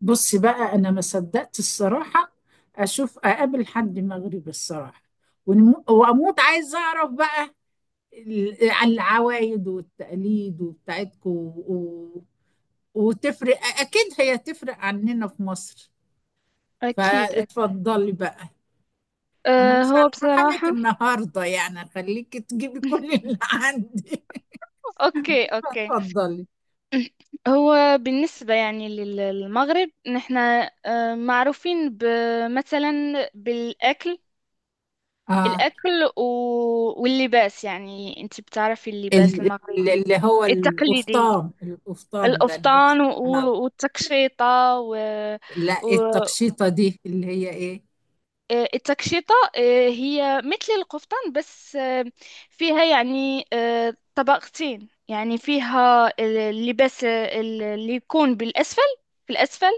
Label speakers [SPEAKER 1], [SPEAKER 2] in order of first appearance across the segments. [SPEAKER 1] بصي بقى، انا ما صدقت الصراحه اشوف اقابل حد مغربي الصراحه، واموت عايز اعرف بقى عن العوايد والتقاليد وبتاعتكم و... وتفرق اكيد، هي تفرق عننا في مصر.
[SPEAKER 2] أكيد، أكيد.
[SPEAKER 1] فاتفضلي بقى. انا مش
[SPEAKER 2] هو
[SPEAKER 1] هرحمك
[SPEAKER 2] بصراحة.
[SPEAKER 1] النهارده، يعني خليكي تجيبي كل اللي عندي.
[SPEAKER 2] أوكي، أوكي.
[SPEAKER 1] اتفضلي.
[SPEAKER 2] هو بالنسبة يعني للمغرب، نحن معروفين مثلا بالأكل،
[SPEAKER 1] اه،
[SPEAKER 2] الأكل واللباس. يعني أنت بتعرفي اللباس
[SPEAKER 1] ال-
[SPEAKER 2] المغربي
[SPEAKER 1] اللي هو
[SPEAKER 2] التقليدي،
[SPEAKER 1] القفطان. القفطان ده اللبس.
[SPEAKER 2] القفطان
[SPEAKER 1] آه،
[SPEAKER 2] والتكشيطة
[SPEAKER 1] لا،
[SPEAKER 2] و...
[SPEAKER 1] التقشيطة دي اللي هي ايه؟
[SPEAKER 2] التكشيطة، هي مثل القفطان، بس فيها يعني طبقتين، يعني فيها اللباس اللي يكون بالأسفل، في الأسفل،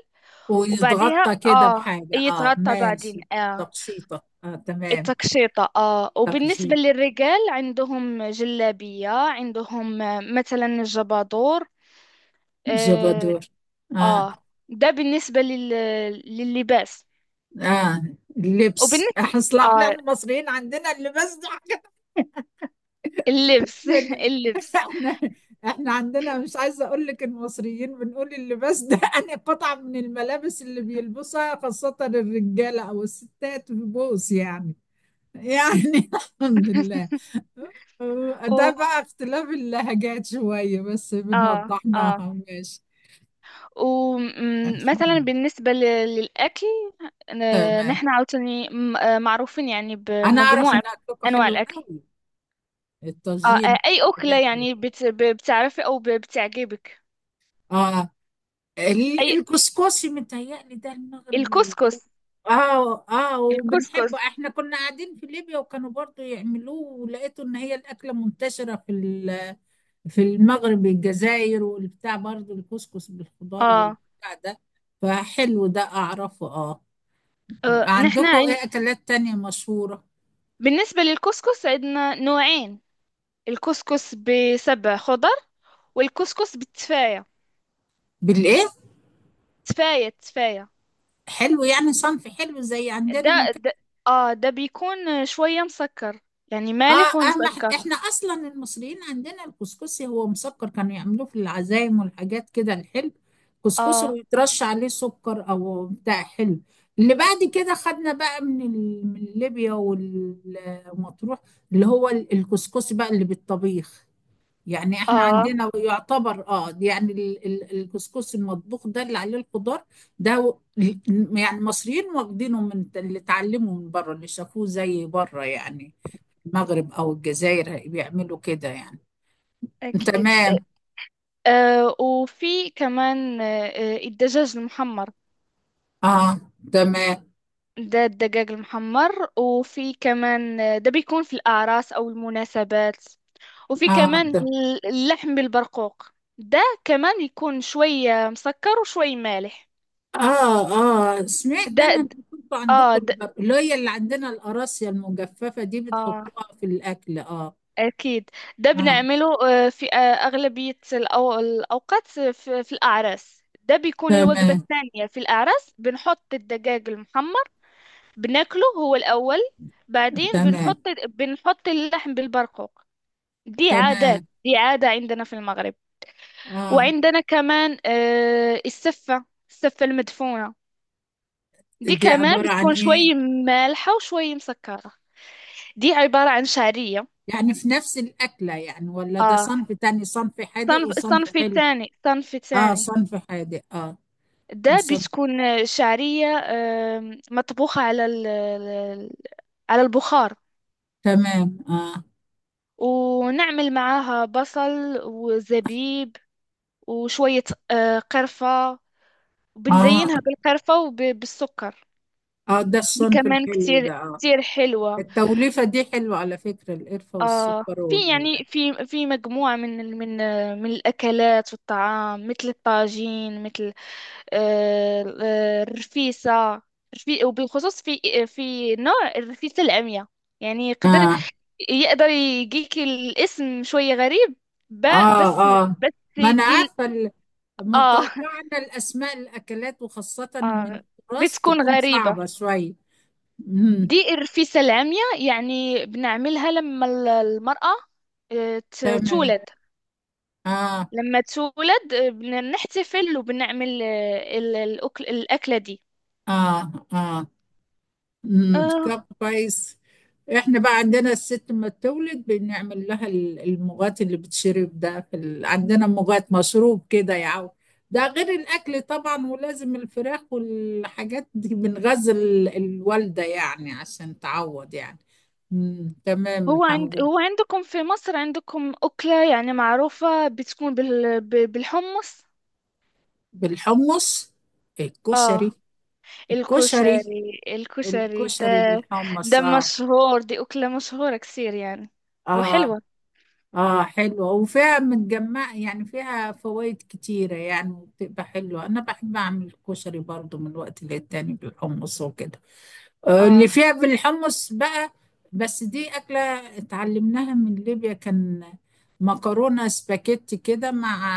[SPEAKER 2] وبعديها
[SPEAKER 1] ويتغطى كده بحاجة، اه
[SPEAKER 2] يتغطى بعدين،
[SPEAKER 1] ماشي. تقشيطة، اه تمام.
[SPEAKER 2] التكشيطة. وبالنسبة
[SPEAKER 1] تقشيط.
[SPEAKER 2] للرجال، عندهم جلابية، عندهم مثلا الجبادور. آه,
[SPEAKER 1] جبادور،
[SPEAKER 2] آه
[SPEAKER 1] اه.
[SPEAKER 2] ده بالنسبة لللباس،
[SPEAKER 1] اه، اللبس،
[SPEAKER 2] وبالنسبة
[SPEAKER 1] اصل احنا
[SPEAKER 2] آه
[SPEAKER 1] المصريين عندنا اللباس ده حاجة.
[SPEAKER 2] اللبس
[SPEAKER 1] من-
[SPEAKER 2] اللبس
[SPEAKER 1] احنا احنا عندنا، مش عايزة اقول لك، المصريين بنقول اللباس ده انا قطعة من الملابس اللي بيلبسها خاصة الرجالة او الستات في بوس يعني. يعني الحمد لله. آه، ده
[SPEAKER 2] و...
[SPEAKER 1] بقى اختلاف اللهجات شوية، بس
[SPEAKER 2] اه اه
[SPEAKER 1] بنوضحناها ماشي.
[SPEAKER 2] ومثلا بالنسبة للأكل،
[SPEAKER 1] تمام،
[SPEAKER 2] نحن عاوتاني معروفين يعني
[SPEAKER 1] انا اعرف
[SPEAKER 2] بمجموعة
[SPEAKER 1] ان
[SPEAKER 2] من
[SPEAKER 1] اكلكم
[SPEAKER 2] أنواع
[SPEAKER 1] حلو
[SPEAKER 2] الأكل.
[SPEAKER 1] قوي. الطاجين
[SPEAKER 2] أي أكلة
[SPEAKER 1] والحاجات دي.
[SPEAKER 2] يعني بتعرفي أو بتعجبك؟
[SPEAKER 1] اه،
[SPEAKER 2] أي،
[SPEAKER 1] الكسكسي متهيألي ده المغرب
[SPEAKER 2] الكسكس.
[SPEAKER 1] اه، اه، وبنحبه،
[SPEAKER 2] الكسكس
[SPEAKER 1] احنا كنا قاعدين في ليبيا وكانوا برضو يعملوه. ولقيته ان هي الاكله منتشره في في المغرب، الجزائر، والبتاع. برضو الكسكس بالخضار
[SPEAKER 2] آه,
[SPEAKER 1] والبتاع ده، فحلو ده اعرفه، اه.
[SPEAKER 2] نحن
[SPEAKER 1] عندكم ايه اكلات تانية مشهورة؟
[SPEAKER 2] بالنسبة للكسكس عندنا نوعين: الكسكس بسبع خضر، والكسكس بالتفاية.
[SPEAKER 1] بالايه؟
[SPEAKER 2] تفاية، تفاية.
[SPEAKER 1] حلو، يعني صنف حلو زي عندنا
[SPEAKER 2] ده,
[SPEAKER 1] ما كان.
[SPEAKER 2] ده اه ده بيكون شوية مسكر، يعني
[SPEAKER 1] اه،
[SPEAKER 2] مالح
[SPEAKER 1] اهم
[SPEAKER 2] ومسكر.
[SPEAKER 1] احنا اصلا المصريين عندنا الكسكسي هو مسكر، كانوا يعملوه في العزايم والحاجات كده الحلو. كسكسي
[SPEAKER 2] اه
[SPEAKER 1] ويترش عليه سكر او بتاع حلو. اللي بعد كده خدنا بقى من من ليبيا والمطروح، اللي هو الكسكسي بقى اللي بالطبيخ. يعني احنا
[SPEAKER 2] اه
[SPEAKER 1] عندنا يعتبر، اه يعني الكسكس المطبوخ ده اللي عليه الخضار ده يعني المصريين واخدينه من اللي اتعلموا من بره، اللي شافوه زي بره، يعني المغرب او الجزائر بيعملوا كده يعني.
[SPEAKER 2] اكيد.
[SPEAKER 1] تمام.
[SPEAKER 2] وفي كمان، الدجاج المحمر.
[SPEAKER 1] اه، تمام.
[SPEAKER 2] ده الدجاج المحمر، وفي كمان، ده بيكون في الأعراس أو المناسبات. وفي
[SPEAKER 1] اه
[SPEAKER 2] كمان
[SPEAKER 1] ت-
[SPEAKER 2] اللحم بالبرقوق، ده كمان يكون شوية مسكر وشوي مالح.
[SPEAKER 1] اه، اه، سمعت
[SPEAKER 2] ده
[SPEAKER 1] انا إن
[SPEAKER 2] د-
[SPEAKER 1] كنتوا
[SPEAKER 2] اه
[SPEAKER 1] عندكم
[SPEAKER 2] ده
[SPEAKER 1] اللي هي اللي عندنا القراصية المجففة دي
[SPEAKER 2] اه
[SPEAKER 1] بتحطوها في الاكل، اه.
[SPEAKER 2] أكيد، ده
[SPEAKER 1] اه،
[SPEAKER 2] بنعمله في أغلبية الأوقات، في في الأعراس ده بيكون الوجبة
[SPEAKER 1] تمام.
[SPEAKER 2] الثانية. في الأعراس بنحط الدجاج المحمر، بناكله هو الأول، بعدين
[SPEAKER 1] تمام،
[SPEAKER 2] بنحط اللحم بالبرقوق. دي عادات،
[SPEAKER 1] تمام،
[SPEAKER 2] دي عادة عندنا في المغرب.
[SPEAKER 1] اه.
[SPEAKER 2] وعندنا كمان، السفة، السفة المدفونة، دي
[SPEAKER 1] دي
[SPEAKER 2] كمان
[SPEAKER 1] عبارة عن
[SPEAKER 2] بتكون
[SPEAKER 1] إيه؟
[SPEAKER 2] شوي مالحة وشوي مسكرة. دي عبارة عن شعرية.
[SPEAKER 1] يعني في نفس الأكلة يعني ولا ده
[SPEAKER 2] آه
[SPEAKER 1] صنف تاني، صنف حادق وصنف
[SPEAKER 2] صنف
[SPEAKER 1] حلو؟
[SPEAKER 2] ثاني، صنف
[SPEAKER 1] آه،
[SPEAKER 2] ثاني.
[SPEAKER 1] صنف حادق، آه.
[SPEAKER 2] ده
[SPEAKER 1] وصنف.
[SPEAKER 2] بتكون شعرية، مطبوخة على على البخار،
[SPEAKER 1] تمام، آه.
[SPEAKER 2] ونعمل معاها بصل وزبيب وشوية قرفة،
[SPEAKER 1] آه،
[SPEAKER 2] وبنزينها بالقرفة وبالسكر.
[SPEAKER 1] آه، ده
[SPEAKER 2] دي
[SPEAKER 1] الصنف
[SPEAKER 2] كمان
[SPEAKER 1] الحلو
[SPEAKER 2] كتير،
[SPEAKER 1] ده، آه.
[SPEAKER 2] كتير حلوة.
[SPEAKER 1] التوليفة دي حلوة على فكرة، القرفة والسكر
[SPEAKER 2] في
[SPEAKER 1] وال...
[SPEAKER 2] يعني في مجموعة من من الأكلات والطعام، مثل الطاجين، مثل الرفيسة. وبالخصوص في في نوع الرفيسة العمياء. يعني
[SPEAKER 1] آه،
[SPEAKER 2] يقدر يجيك الاسم شوية غريب، بس،
[SPEAKER 1] آه، آه،
[SPEAKER 2] بس
[SPEAKER 1] ما أنا
[SPEAKER 2] دي ال-
[SPEAKER 1] عارفة
[SPEAKER 2] اه
[SPEAKER 1] متوقعة أن الأسماء الأكلات وخاصة من
[SPEAKER 2] اه
[SPEAKER 1] التراث
[SPEAKER 2] بتكون
[SPEAKER 1] تكون
[SPEAKER 2] غريبة.
[SPEAKER 1] صعبة شوية. مم.
[SPEAKER 2] دي الرفيسة العمياء، يعني بنعملها لما المرأة
[SPEAKER 1] تمام،
[SPEAKER 2] تولد.
[SPEAKER 1] آه،
[SPEAKER 2] لما تولد، بنحتفل وبنعمل، الأكل، الأكلة دي.
[SPEAKER 1] آه، آه،
[SPEAKER 2] آه
[SPEAKER 1] طب كويس. احنا بقى عندنا الست ما تولد، بنعمل لها المغات اللي بتشرب ده في عندنا مغات مشروب كده يا عو. ده غير الاكل طبعا، ولازم الفراخ والحاجات دي بنغذي الوالده يعني عشان تعوض يعني. تمام،
[SPEAKER 2] هو
[SPEAKER 1] الحمد لله.
[SPEAKER 2] عندكم في مصر، عندكم أكلة يعني معروفة بتكون بالحمص؟
[SPEAKER 1] بالحمص.
[SPEAKER 2] اه
[SPEAKER 1] الكشري. الكشري،
[SPEAKER 2] الكشري ده
[SPEAKER 1] الكشري بالحمص،
[SPEAKER 2] ده
[SPEAKER 1] اه.
[SPEAKER 2] مشهور، دي أكلة مشهورة كثير يعني،
[SPEAKER 1] اه،
[SPEAKER 2] وحلوة.
[SPEAKER 1] اه، حلوة وفيها متجمع يعني، فيها فوائد كتيرة يعني وبتبقى حلوة. أنا بحب أعمل كشري برضو من وقت للتاني بالحمص وكده. آه، اللي
[SPEAKER 2] اه
[SPEAKER 1] فيها بالحمص بقى، بس دي أكلة اتعلمناها من ليبيا كان، مكرونة سباكيتي كده مع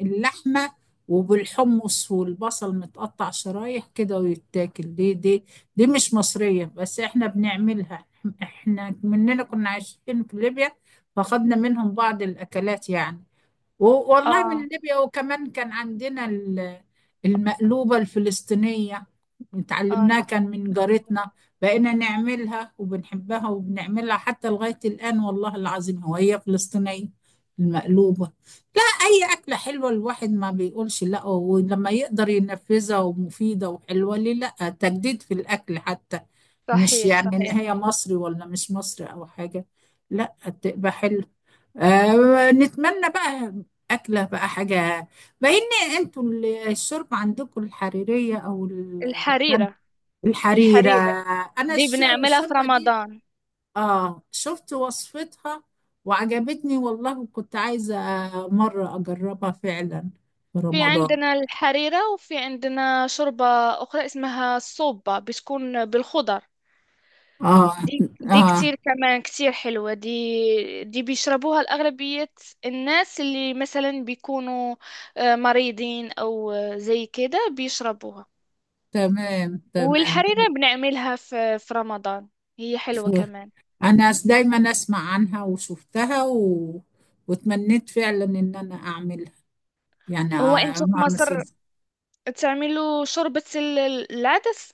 [SPEAKER 1] اللحمة وبالحمص والبصل متقطع شرايح كده ويتاكل دي دي. دي مش مصرية بس احنا بنعملها. احنا مننا كنا عايشين في ليبيا، فاخدنا منهم بعض الأكلات يعني. والله
[SPEAKER 2] اه
[SPEAKER 1] من ليبيا. وكمان كان عندنا المقلوبة الفلسطينية اتعلمناها
[SPEAKER 2] اه
[SPEAKER 1] كان من جارتنا. بقينا نعملها وبنحبها وبنعملها حتى لغاية الآن والله العظيم، هو هي فلسطينية المقلوبة. لا، أي أكلة حلوة الواحد ما بيقولش لا، ولما يقدر ينفذها ومفيدة وحلوة ليه لا. تجديد في الأكل حتى. مش
[SPEAKER 2] صحيح،
[SPEAKER 1] يعني إن
[SPEAKER 2] صحيح.
[SPEAKER 1] هي مصري ولا مش مصري أو حاجة، لا. تبقى حلوة. آه، نتمنى بقى، أكلة بقى حاجة. بما إن أنتوا الشوربة عندكم الحريرية أو
[SPEAKER 2] الحريرة
[SPEAKER 1] الحريرة.
[SPEAKER 2] الحريرة
[SPEAKER 1] أنا
[SPEAKER 2] دي بنعملها في
[SPEAKER 1] الشوربة دي،
[SPEAKER 2] رمضان،
[SPEAKER 1] آه شفت وصفتها وعجبتني والله، وكنت عايزة مرة أجربها فعلا في
[SPEAKER 2] في
[SPEAKER 1] رمضان.
[SPEAKER 2] عندنا الحريرة، وفي عندنا شوربة أخرى اسمها الصوبة، بتكون بالخضر.
[SPEAKER 1] آه،
[SPEAKER 2] دي
[SPEAKER 1] آه،
[SPEAKER 2] كتير، كمان كتير حلوة. دي بيشربوها الأغلبية، الناس اللي مثلا بيكونوا مريضين أو زي كده بيشربوها.
[SPEAKER 1] تمام، تمام.
[SPEAKER 2] والحريرة بنعملها في رمضان، هي حلوة كمان.
[SPEAKER 1] أنا دايما أسمع عنها وشفتها وتمنيت فعلا إن أنا أعملها، يعني
[SPEAKER 2] هو انتوا في
[SPEAKER 1] أعمل.
[SPEAKER 2] مصر تعملوا شوربة العدس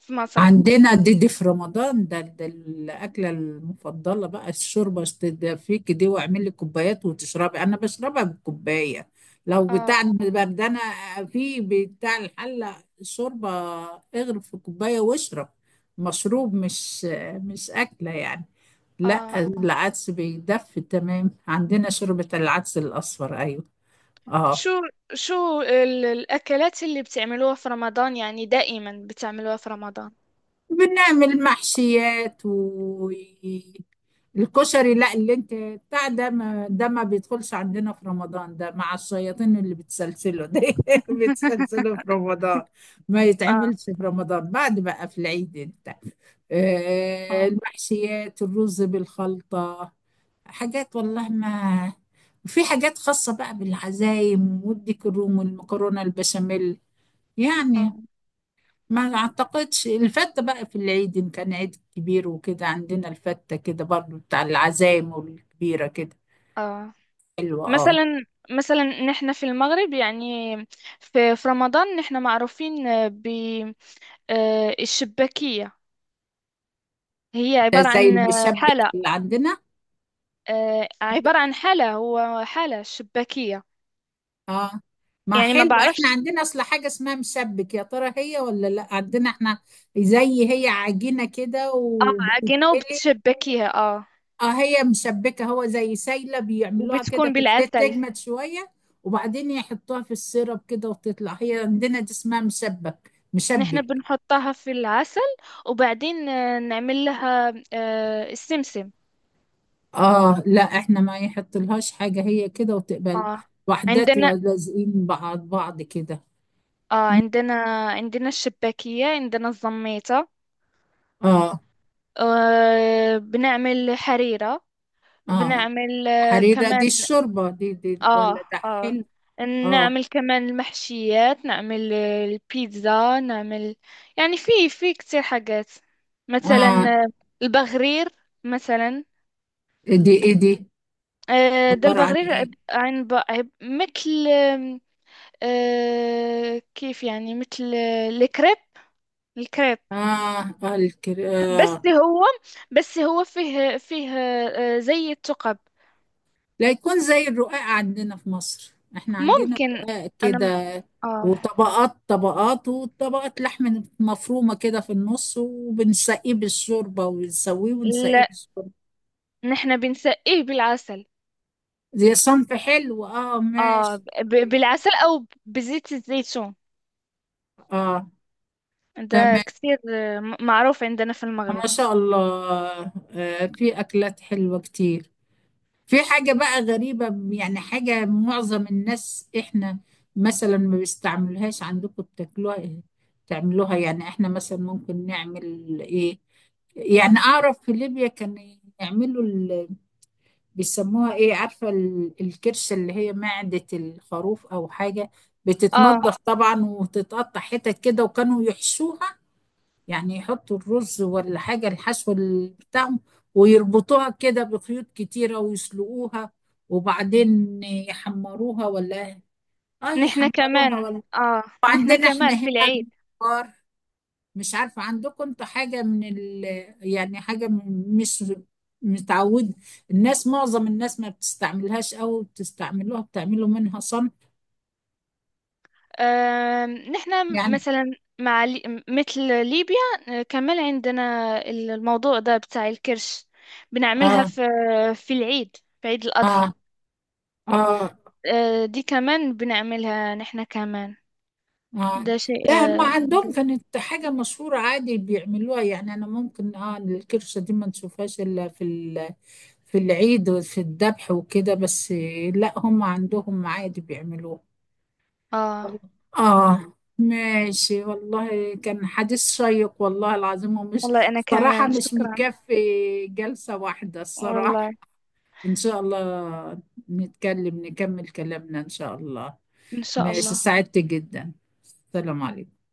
[SPEAKER 2] في مصر؟
[SPEAKER 1] عندنا، دي في رمضان. ده الأكلة المفضلة بقى، الشوربة تدفيك دي، واعمل لي كوبايات وتشربي، أنا بشربها بالكوباية. لو
[SPEAKER 2] اه
[SPEAKER 1] بتاع البردانة في بتاع الحلة شوربة، اغرف في كوباية واشرب، مشروب مش أكلة يعني. لا،
[SPEAKER 2] اه
[SPEAKER 1] العدس بيدفي تمام. عندنا شوربة العدس الأصفر، أيوه. اه،
[SPEAKER 2] شو شو الأكلات اللي بتعملوها في رمضان؟ يعني دائما بتعملوها في رمضان.
[SPEAKER 1] بنعمل محشيات والكشري. لا، اللي انت بتاع ده ما بيدخلش عندنا في رمضان، ده مع الشياطين اللي بتسلسله ده. بتسلسله في رمضان ما
[SPEAKER 2] آه
[SPEAKER 1] يتعملش في رمضان، بعد بقى في العيد انت. آه،
[SPEAKER 2] آه
[SPEAKER 1] المحشيات، الرز بالخلطة، حاجات والله ما... وفي حاجات خاصة بقى بالعزايم، والديك الروم والمكرونة البشاميل يعني.
[SPEAKER 2] آه,
[SPEAKER 1] ما اعتقدش، الفتة بقى في العيد، ان كان عيد كبير وكده عندنا الفتة كده برضو بتاع العزايم والكبيرة كده.
[SPEAKER 2] آه.
[SPEAKER 1] حلوة، اه.
[SPEAKER 2] مثلا، نحن في المغرب يعني في، رمضان نحن معروفين بالشباكية. هي
[SPEAKER 1] ده
[SPEAKER 2] عبارة
[SPEAKER 1] زي
[SPEAKER 2] عن
[SPEAKER 1] المشبك
[SPEAKER 2] حالة،
[SPEAKER 1] اللي عندنا.
[SPEAKER 2] عبارة عن حالة، هو حالة شباكية.
[SPEAKER 1] اه، ما
[SPEAKER 2] يعني ما
[SPEAKER 1] حلوة، احنا
[SPEAKER 2] بعرفش.
[SPEAKER 1] عندنا اصل حاجة اسمها مشبك، يا ترى هي ولا لا عندنا احنا؟ زي هي عجينة كده
[SPEAKER 2] عجينة
[SPEAKER 1] وبتتقلي.
[SPEAKER 2] وبتشبكيها،
[SPEAKER 1] اه، هي مشبكة، هو زي سايلة بيعملوها كده
[SPEAKER 2] وبتكون
[SPEAKER 1] في الزيت،
[SPEAKER 2] بالعسل،
[SPEAKER 1] تجمد شوية وبعدين يحطوها في السيرب كده وتطلع، هي عندنا دي اسمها مشبك،
[SPEAKER 2] نحن
[SPEAKER 1] مشبك.
[SPEAKER 2] بنحطها في العسل، وبعدين نعمل لها السمسم.
[SPEAKER 1] اه، لا احنا ما يحط لهاش حاجة، هي كده وتقبل
[SPEAKER 2] اه
[SPEAKER 1] وحدات
[SPEAKER 2] عندنا
[SPEAKER 1] ولازقين بعض بعض كده.
[SPEAKER 2] اه عندنا عندنا الشباكية، عندنا الزميطة.
[SPEAKER 1] اه،
[SPEAKER 2] بنعمل حريرة،
[SPEAKER 1] اه،
[SPEAKER 2] بنعمل
[SPEAKER 1] حريرة دي
[SPEAKER 2] كمان،
[SPEAKER 1] الشوربة دي، دي ولا
[SPEAKER 2] اه
[SPEAKER 1] ده
[SPEAKER 2] اه
[SPEAKER 1] حلو؟ اه،
[SPEAKER 2] نعمل كمان المحشيات، نعمل البيتزا، نعمل يعني في كتير حاجات. مثلا
[SPEAKER 1] اه،
[SPEAKER 2] آه، البغرير، مثلا
[SPEAKER 1] دي ايه؟ دي
[SPEAKER 2] ده
[SPEAKER 1] عبارة عن
[SPEAKER 2] البغرير
[SPEAKER 1] ايه؟
[SPEAKER 2] مثل، آم، آه، كيف يعني، مثل الكريب، الكريب.
[SPEAKER 1] اه، آه،
[SPEAKER 2] بس
[SPEAKER 1] آه.
[SPEAKER 2] هو بس هو فيه زي الثقب.
[SPEAKER 1] لا، يكون زي الرقاق عندنا في مصر، احنا عندنا
[SPEAKER 2] ممكن.
[SPEAKER 1] رقاق
[SPEAKER 2] انا م-
[SPEAKER 1] كده
[SPEAKER 2] اه
[SPEAKER 1] وطبقات طبقات وطبقات لحم مفرومة كده في النص، وبنسقيه بالشوربة ونسويه ونسقيه
[SPEAKER 2] لا،
[SPEAKER 1] بالشوربة.
[SPEAKER 2] نحن بنسقيه بالعسل.
[SPEAKER 1] دي صنف حلو، اه
[SPEAKER 2] اه
[SPEAKER 1] ماشي.
[SPEAKER 2] بالعسل او بزيت الزيتون،
[SPEAKER 1] اه،
[SPEAKER 2] ده
[SPEAKER 1] تمام،
[SPEAKER 2] كثير معروف عندنا في المغرب.
[SPEAKER 1] ما شاء الله. آه، في اكلات حلوة كتير. في حاجة بقى غريبة يعني، حاجة معظم الناس احنا مثلا ما بيستعملوهاش، عندكم بتاكلوها ايه، تعملوها يعني؟ احنا مثلا ممكن نعمل، ايه يعني، اعرف في ليبيا كان يعملوا، بيسموها ايه، عارفة الكرشة، اللي هي معدة الخروف او حاجة.
[SPEAKER 2] اه
[SPEAKER 1] بتتنضف طبعا وتتقطع حتت كده، وكانوا يحشوها يعني، يحطوا الرز ولا حاجة، الحشو بتاعهم، ويربطوها كده بخيوط كتيرة ويسلقوها وبعدين
[SPEAKER 2] نحن
[SPEAKER 1] يحمروها
[SPEAKER 2] كمان،
[SPEAKER 1] ولا.
[SPEAKER 2] اه نحن
[SPEAKER 1] وعندنا احنا
[SPEAKER 2] كمان
[SPEAKER 1] هنا
[SPEAKER 2] في العيد.
[SPEAKER 1] الممبار. مش عارفة عندكم انتوا حاجة من يعني، حاجة مش متعود الناس، معظم الناس ما بتستعملوهاش أو بتستعملوها بتعملوا منها صنف
[SPEAKER 2] نحن
[SPEAKER 1] يعني.
[SPEAKER 2] مثلا مع مثل ليبيا، كمان عندنا الموضوع ده بتاع الكرش، بنعملها
[SPEAKER 1] آه،
[SPEAKER 2] في العيد، في عيد الأضحى.
[SPEAKER 1] آه، آه،
[SPEAKER 2] دي كمان بنعملها نحن كمان،
[SPEAKER 1] آه.
[SPEAKER 2] ده شيء
[SPEAKER 1] لا، ما
[SPEAKER 2] يعني
[SPEAKER 1] عندهم
[SPEAKER 2] جد.
[SPEAKER 1] كانت حاجة مشهورة عادي بيعملوها يعني، أنا ممكن آه، الكرشة دي ما نشوفهاش إلا في في العيد وفي الذبح وكده بس. لا، هم عندهم عادي بيعملوها.
[SPEAKER 2] اه
[SPEAKER 1] آه، ماشي والله، كان حديث شيق والله العظيم، ومش،
[SPEAKER 2] والله، أنا
[SPEAKER 1] صراحة
[SPEAKER 2] كمان
[SPEAKER 1] مش
[SPEAKER 2] شكرا.
[SPEAKER 1] مكفي جلسة واحدة الصراحة.
[SPEAKER 2] والله،
[SPEAKER 1] إن شاء الله نتكلم نكمل كلامنا إن شاء الله.
[SPEAKER 2] إن شاء
[SPEAKER 1] ماشي،
[SPEAKER 2] الله.
[SPEAKER 1] سعدت جدا. السلام عليكم.